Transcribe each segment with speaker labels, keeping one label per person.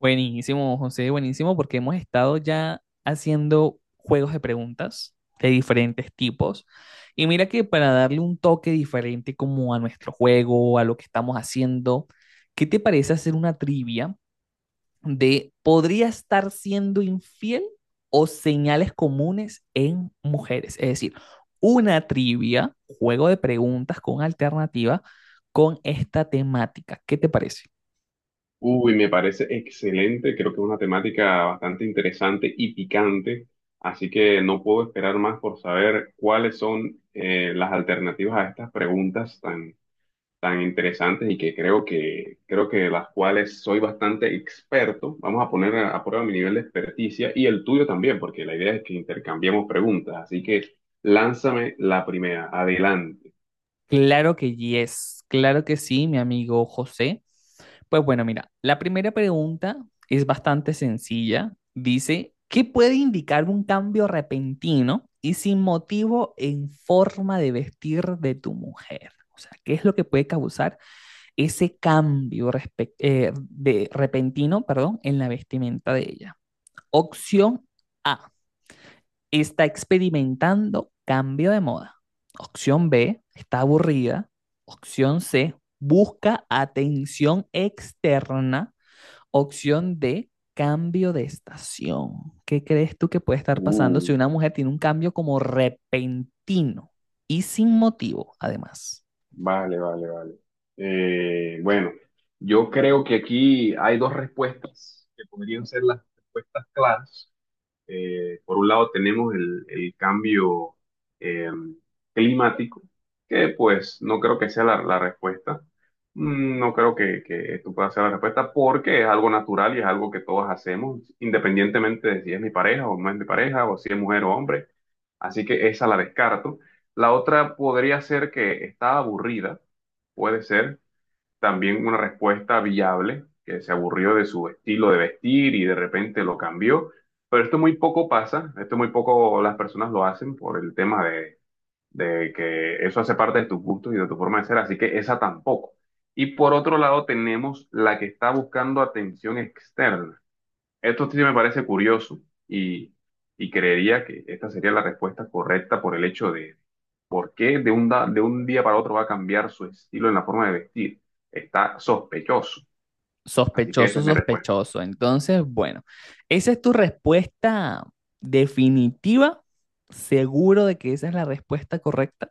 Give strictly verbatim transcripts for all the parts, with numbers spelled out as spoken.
Speaker 1: Buenísimo, José, buenísimo, porque hemos estado ya haciendo juegos de preguntas de diferentes tipos. Y mira que para darle un toque diferente como a nuestro juego, a lo que estamos haciendo, ¿qué te parece hacer una trivia de podría estar siendo infiel o señales comunes en mujeres? Es decir, una trivia, juego de preguntas con alternativa con esta temática. ¿Qué te parece?
Speaker 2: Uy, me parece excelente, creo que es una temática bastante interesante y picante, así que no puedo esperar más por saber cuáles son eh, las alternativas a estas preguntas tan, tan interesantes y que creo que, creo que las cuales soy bastante experto. Vamos a poner a, a prueba mi nivel de experticia y el tuyo también, porque la idea es que intercambiemos preguntas, así que lánzame la primera, adelante.
Speaker 1: Claro que yes, claro que sí, mi amigo José. Pues bueno, mira, la primera pregunta es bastante sencilla. Dice, ¿qué puede indicar un cambio repentino y sin motivo en forma de vestir de tu mujer? O sea, ¿qué es lo que puede causar ese cambio respec- eh, de repentino, perdón, en la vestimenta de ella? Opción A, está experimentando cambio de moda. Opción B, está aburrida. Opción C, busca atención externa. Opción D, cambio de estación. ¿Qué crees tú que puede estar pasando si
Speaker 2: Uh.
Speaker 1: una mujer tiene un cambio como repentino y sin motivo, además?
Speaker 2: Vale, vale, vale. Eh, bueno, yo creo que aquí hay dos respuestas que podrían ser las respuestas claras. Eh, por un lado tenemos el, el cambio eh, climático, que pues no creo que sea la, la respuesta. Mm, No creo que, que esto pueda ser la respuesta porque es algo natural y es algo que todos hacemos, independientemente de si es mi pareja o no es mi pareja, o si es mujer o hombre. Así que esa la descarto. La otra podría ser que está aburrida. Puede ser también una respuesta viable, que se aburrió de su estilo de vestir y de repente lo cambió. Pero esto muy poco pasa, esto muy poco las personas lo hacen por el tema de, de que eso hace parte de tus gustos y de tu forma de ser, así que esa tampoco. Y por otro lado tenemos la que está buscando atención externa. Esto sí me parece curioso y, y creería que esta sería la respuesta correcta por el hecho de por qué de un, da- de un día para otro va a cambiar su estilo en la forma de vestir. Está sospechoso. Así que esa
Speaker 1: Sospechoso,
Speaker 2: es mi respuesta.
Speaker 1: sospechoso. Entonces, bueno, esa es tu respuesta definitiva. ¿Seguro de que esa es la respuesta correcta?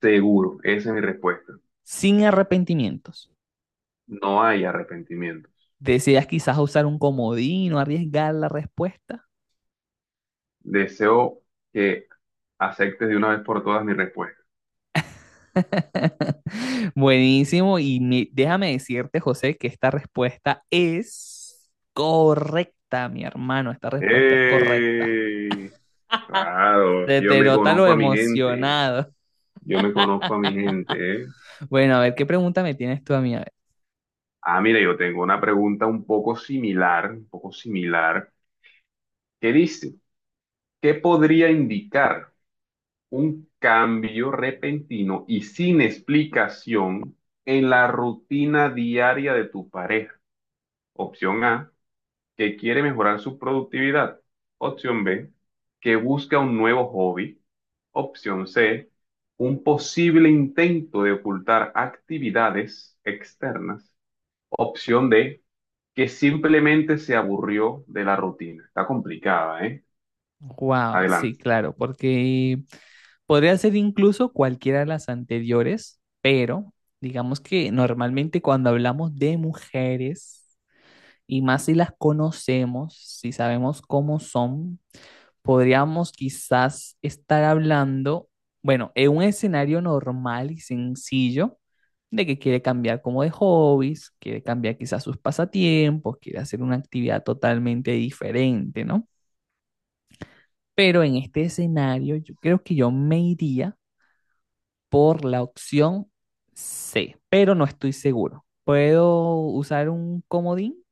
Speaker 2: Seguro, esa es mi respuesta.
Speaker 1: Sin arrepentimientos.
Speaker 2: No hay arrepentimientos.
Speaker 1: ¿Deseas quizás usar un comodín o arriesgar la respuesta?
Speaker 2: Deseo que aceptes de una vez por todas mi respuesta.
Speaker 1: Buenísimo. Y mi- déjame decirte, José, que esta respuesta es correcta, mi hermano. Esta respuesta es correcta.
Speaker 2: ¡Ey! Claro,
Speaker 1: Te,
Speaker 2: yo
Speaker 1: te
Speaker 2: me
Speaker 1: nota lo
Speaker 2: conozco a mi gente.
Speaker 1: emocionado.
Speaker 2: Yo me conozco a mi gente, ¿eh?
Speaker 1: Bueno, a ver, ¿qué pregunta me tienes tú a mí? A ver.
Speaker 2: Ah, mira, yo tengo una pregunta un poco similar, un poco similar, que dice, ¿qué podría indicar un cambio repentino y sin explicación en la rutina diaria de tu pareja? Opción A, que quiere mejorar su productividad. Opción B, que busca un nuevo hobby. Opción C, un posible intento de ocultar actividades externas. Opción D, que simplemente se aburrió de la rutina. Está complicada, ¿eh?
Speaker 1: Wow, sí,
Speaker 2: Adelante.
Speaker 1: claro, porque podría ser incluso cualquiera de las anteriores, pero digamos que normalmente cuando hablamos de mujeres, y más si las conocemos, si sabemos cómo son, podríamos quizás estar hablando, bueno, en un escenario normal y sencillo, de que quiere cambiar como de hobbies, quiere cambiar quizás sus pasatiempos, quiere hacer una actividad totalmente diferente, ¿no? Pero en este escenario yo creo que yo me iría por la opción C, pero no estoy seguro. ¿Puedo usar un comodín?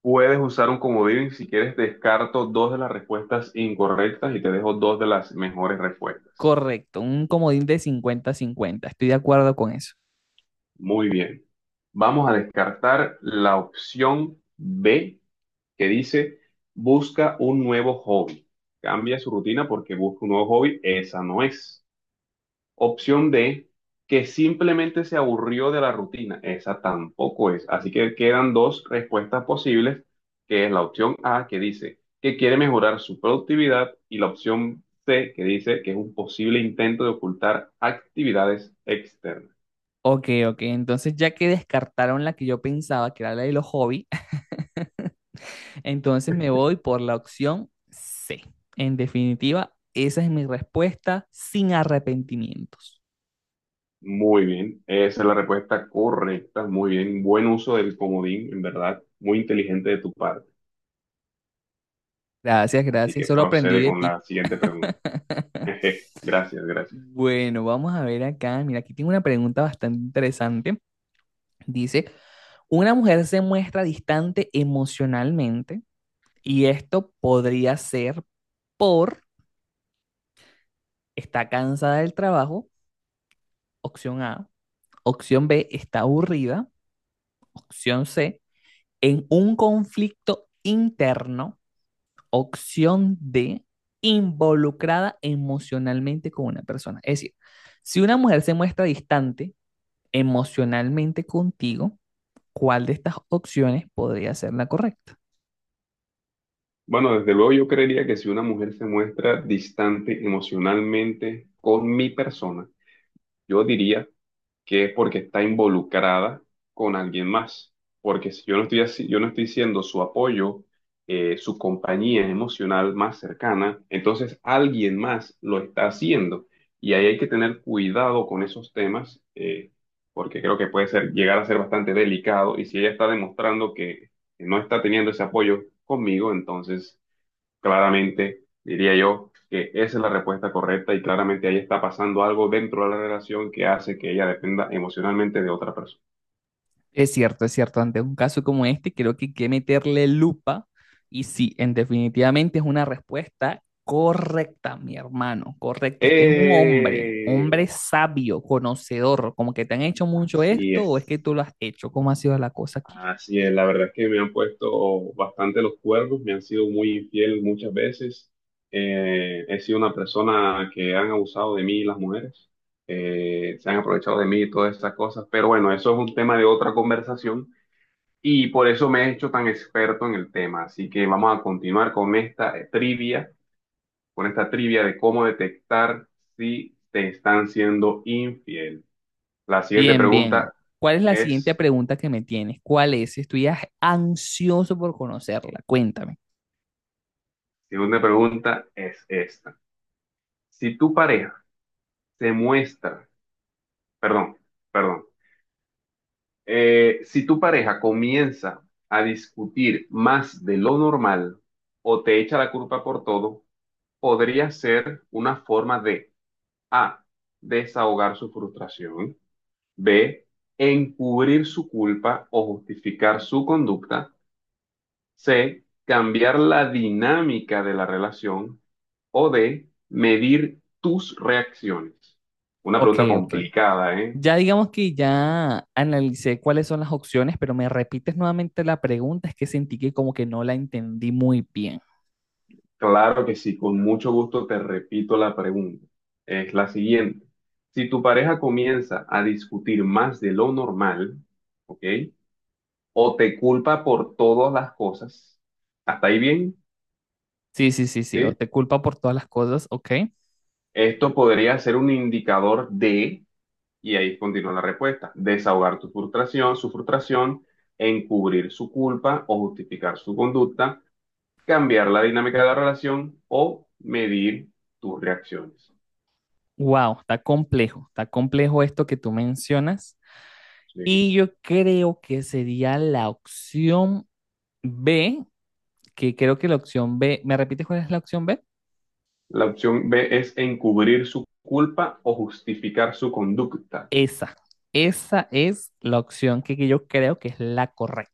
Speaker 2: Puedes usar un comodín si quieres, descarto dos de las respuestas incorrectas y te dejo dos de las mejores respuestas.
Speaker 1: Correcto, un comodín de 50 cincuenta, estoy de acuerdo con eso.
Speaker 2: Muy bien. Vamos a descartar la opción B que dice busca un nuevo hobby. Cambia su rutina porque busca un nuevo hobby. Esa no es. Opción D, que simplemente se aburrió de la rutina. Esa tampoco es. Así que quedan dos respuestas posibles, que es la opción A, que dice que quiere mejorar su productividad, y la opción C, que dice que es un posible intento de ocultar actividades externas.
Speaker 1: Ok, ok, entonces ya que descartaron la que yo pensaba, que era la de los hobbies, entonces me voy por la opción C. En definitiva, esa es mi respuesta sin arrepentimientos.
Speaker 2: Muy bien, esa es la respuesta correcta. Muy bien, buen uso del comodín, en verdad, muy inteligente de tu parte.
Speaker 1: Gracias,
Speaker 2: Así
Speaker 1: gracias,
Speaker 2: que
Speaker 1: solo aprendí
Speaker 2: procede
Speaker 1: de
Speaker 2: con
Speaker 1: ti.
Speaker 2: la siguiente pregunta. Gracias, gracias.
Speaker 1: Bueno, vamos a ver acá. Mira, aquí tengo una pregunta bastante interesante. Dice, una mujer se muestra distante emocionalmente y esto podría ser por: está cansada del trabajo, opción A. Opción B, está aburrida. Opción C, en un conflicto interno. Opción D, involucrada emocionalmente con una persona. Es decir, si una mujer se muestra distante emocionalmente contigo, ¿cuál de estas opciones podría ser la correcta?
Speaker 2: Bueno, desde luego yo creería que si una mujer se muestra distante emocionalmente con mi persona, yo diría que es porque está involucrada con alguien más. Porque si yo no estoy así, yo no estoy siendo su apoyo, eh, su compañía emocional más cercana, entonces alguien más lo está haciendo. Y ahí hay que tener cuidado con esos temas, eh, porque creo que puede ser, llegar a ser bastante delicado. Y si ella está demostrando que no está teniendo ese apoyo conmigo, entonces claramente, diría yo que esa es la respuesta correcta y claramente ahí está pasando algo dentro de la relación que hace que ella dependa emocionalmente de otra persona.
Speaker 1: Es cierto, es cierto. Ante un caso como este, creo que hay que meterle lupa. Y sí, en definitivamente es una respuesta correcta, mi hermano. Correcto. Usted es un hombre,
Speaker 2: ¡Eh!
Speaker 1: hombre sabio, conocedor. Como que te han hecho mucho
Speaker 2: Así
Speaker 1: esto o es que
Speaker 2: es,
Speaker 1: tú lo has hecho. ¿Cómo ha sido la cosa aquí?
Speaker 2: así es. La verdad es que me han puesto bastante los cuernos, me han sido muy infiel muchas veces. Eh, he sido una persona que han abusado de mí las mujeres, Eh, se han aprovechado de mí y todas esas cosas, pero bueno, eso es un tema de otra conversación. Y por eso me he hecho tan experto en el tema. Así que vamos a continuar con esta eh, trivia, con esta trivia de cómo detectar si te están siendo infiel. La siguiente
Speaker 1: Bien, bien.
Speaker 2: pregunta
Speaker 1: ¿Cuál es la siguiente
Speaker 2: es,
Speaker 1: pregunta que me tienes? ¿Cuál es? Estoy a- ansioso por conocerla. Cuéntame.
Speaker 2: segunda pregunta es esta. Si tu pareja se muestra, perdón, perdón, eh, si tu pareja comienza a discutir más de lo normal o te echa la culpa por todo, podría ser una forma de A. Desahogar su frustración. B. Encubrir su culpa o justificar su conducta. C. Cambiar la dinámica de la relación. O D. Medir tus reacciones. Una
Speaker 1: Ok,
Speaker 2: pregunta
Speaker 1: ok.
Speaker 2: complicada, ¿eh?
Speaker 1: Ya digamos que ya analicé cuáles son las opciones, pero me repites nuevamente la pregunta, es que sentí que como que no la entendí muy bien.
Speaker 2: Claro que sí, con mucho gusto te repito la pregunta. Es la siguiente. Si tu pareja comienza a discutir más de lo normal, ¿ok? O te culpa por todas las cosas. ¿Hasta ahí bien?
Speaker 1: Sí, sí, sí, sí, o
Speaker 2: ¿Sí?
Speaker 1: te culpa por todas las cosas, ok.
Speaker 2: Esto podría ser un indicador de, y ahí continúa la respuesta, desahogar tu frustración, su frustración, encubrir su culpa o justificar su conducta, cambiar la dinámica de la relación o medir tus reacciones.
Speaker 1: Wow, está complejo, está complejo esto que tú mencionas.
Speaker 2: Sí.
Speaker 1: Y yo creo que sería la opción B, que creo que la opción B, ¿me repites cuál es la opción B?
Speaker 2: La opción B es encubrir su culpa o justificar su conducta.
Speaker 1: Esa, esa es la opción que que yo creo que es la correcta.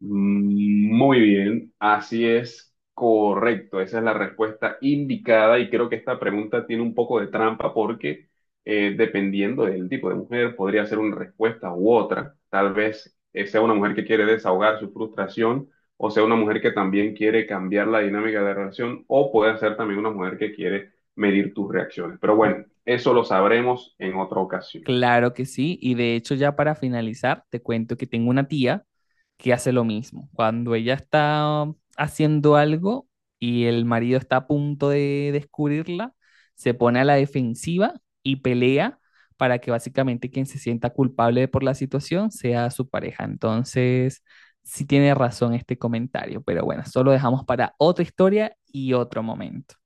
Speaker 2: Muy bien, así es correcto, esa es la respuesta indicada y creo que esta pregunta tiene un poco de trampa porque eh, dependiendo del tipo de mujer podría ser una respuesta u otra, tal vez eh, sea una mujer que quiere desahogar su frustración o sea una mujer que también quiere cambiar la dinámica de la relación o puede ser también una mujer que quiere medir tus reacciones, pero bueno, eso lo sabremos en otra ocasión.
Speaker 1: Claro que sí, y de hecho ya para finalizar, te cuento que tengo una tía que hace lo mismo. Cuando ella está haciendo algo y el marido está a punto de descubrirla, se pone a la defensiva y pelea para que básicamente quien se sienta culpable por la situación sea su pareja. Entonces, sí tiene razón este comentario, pero bueno, solo dejamos para otra historia y otro momento.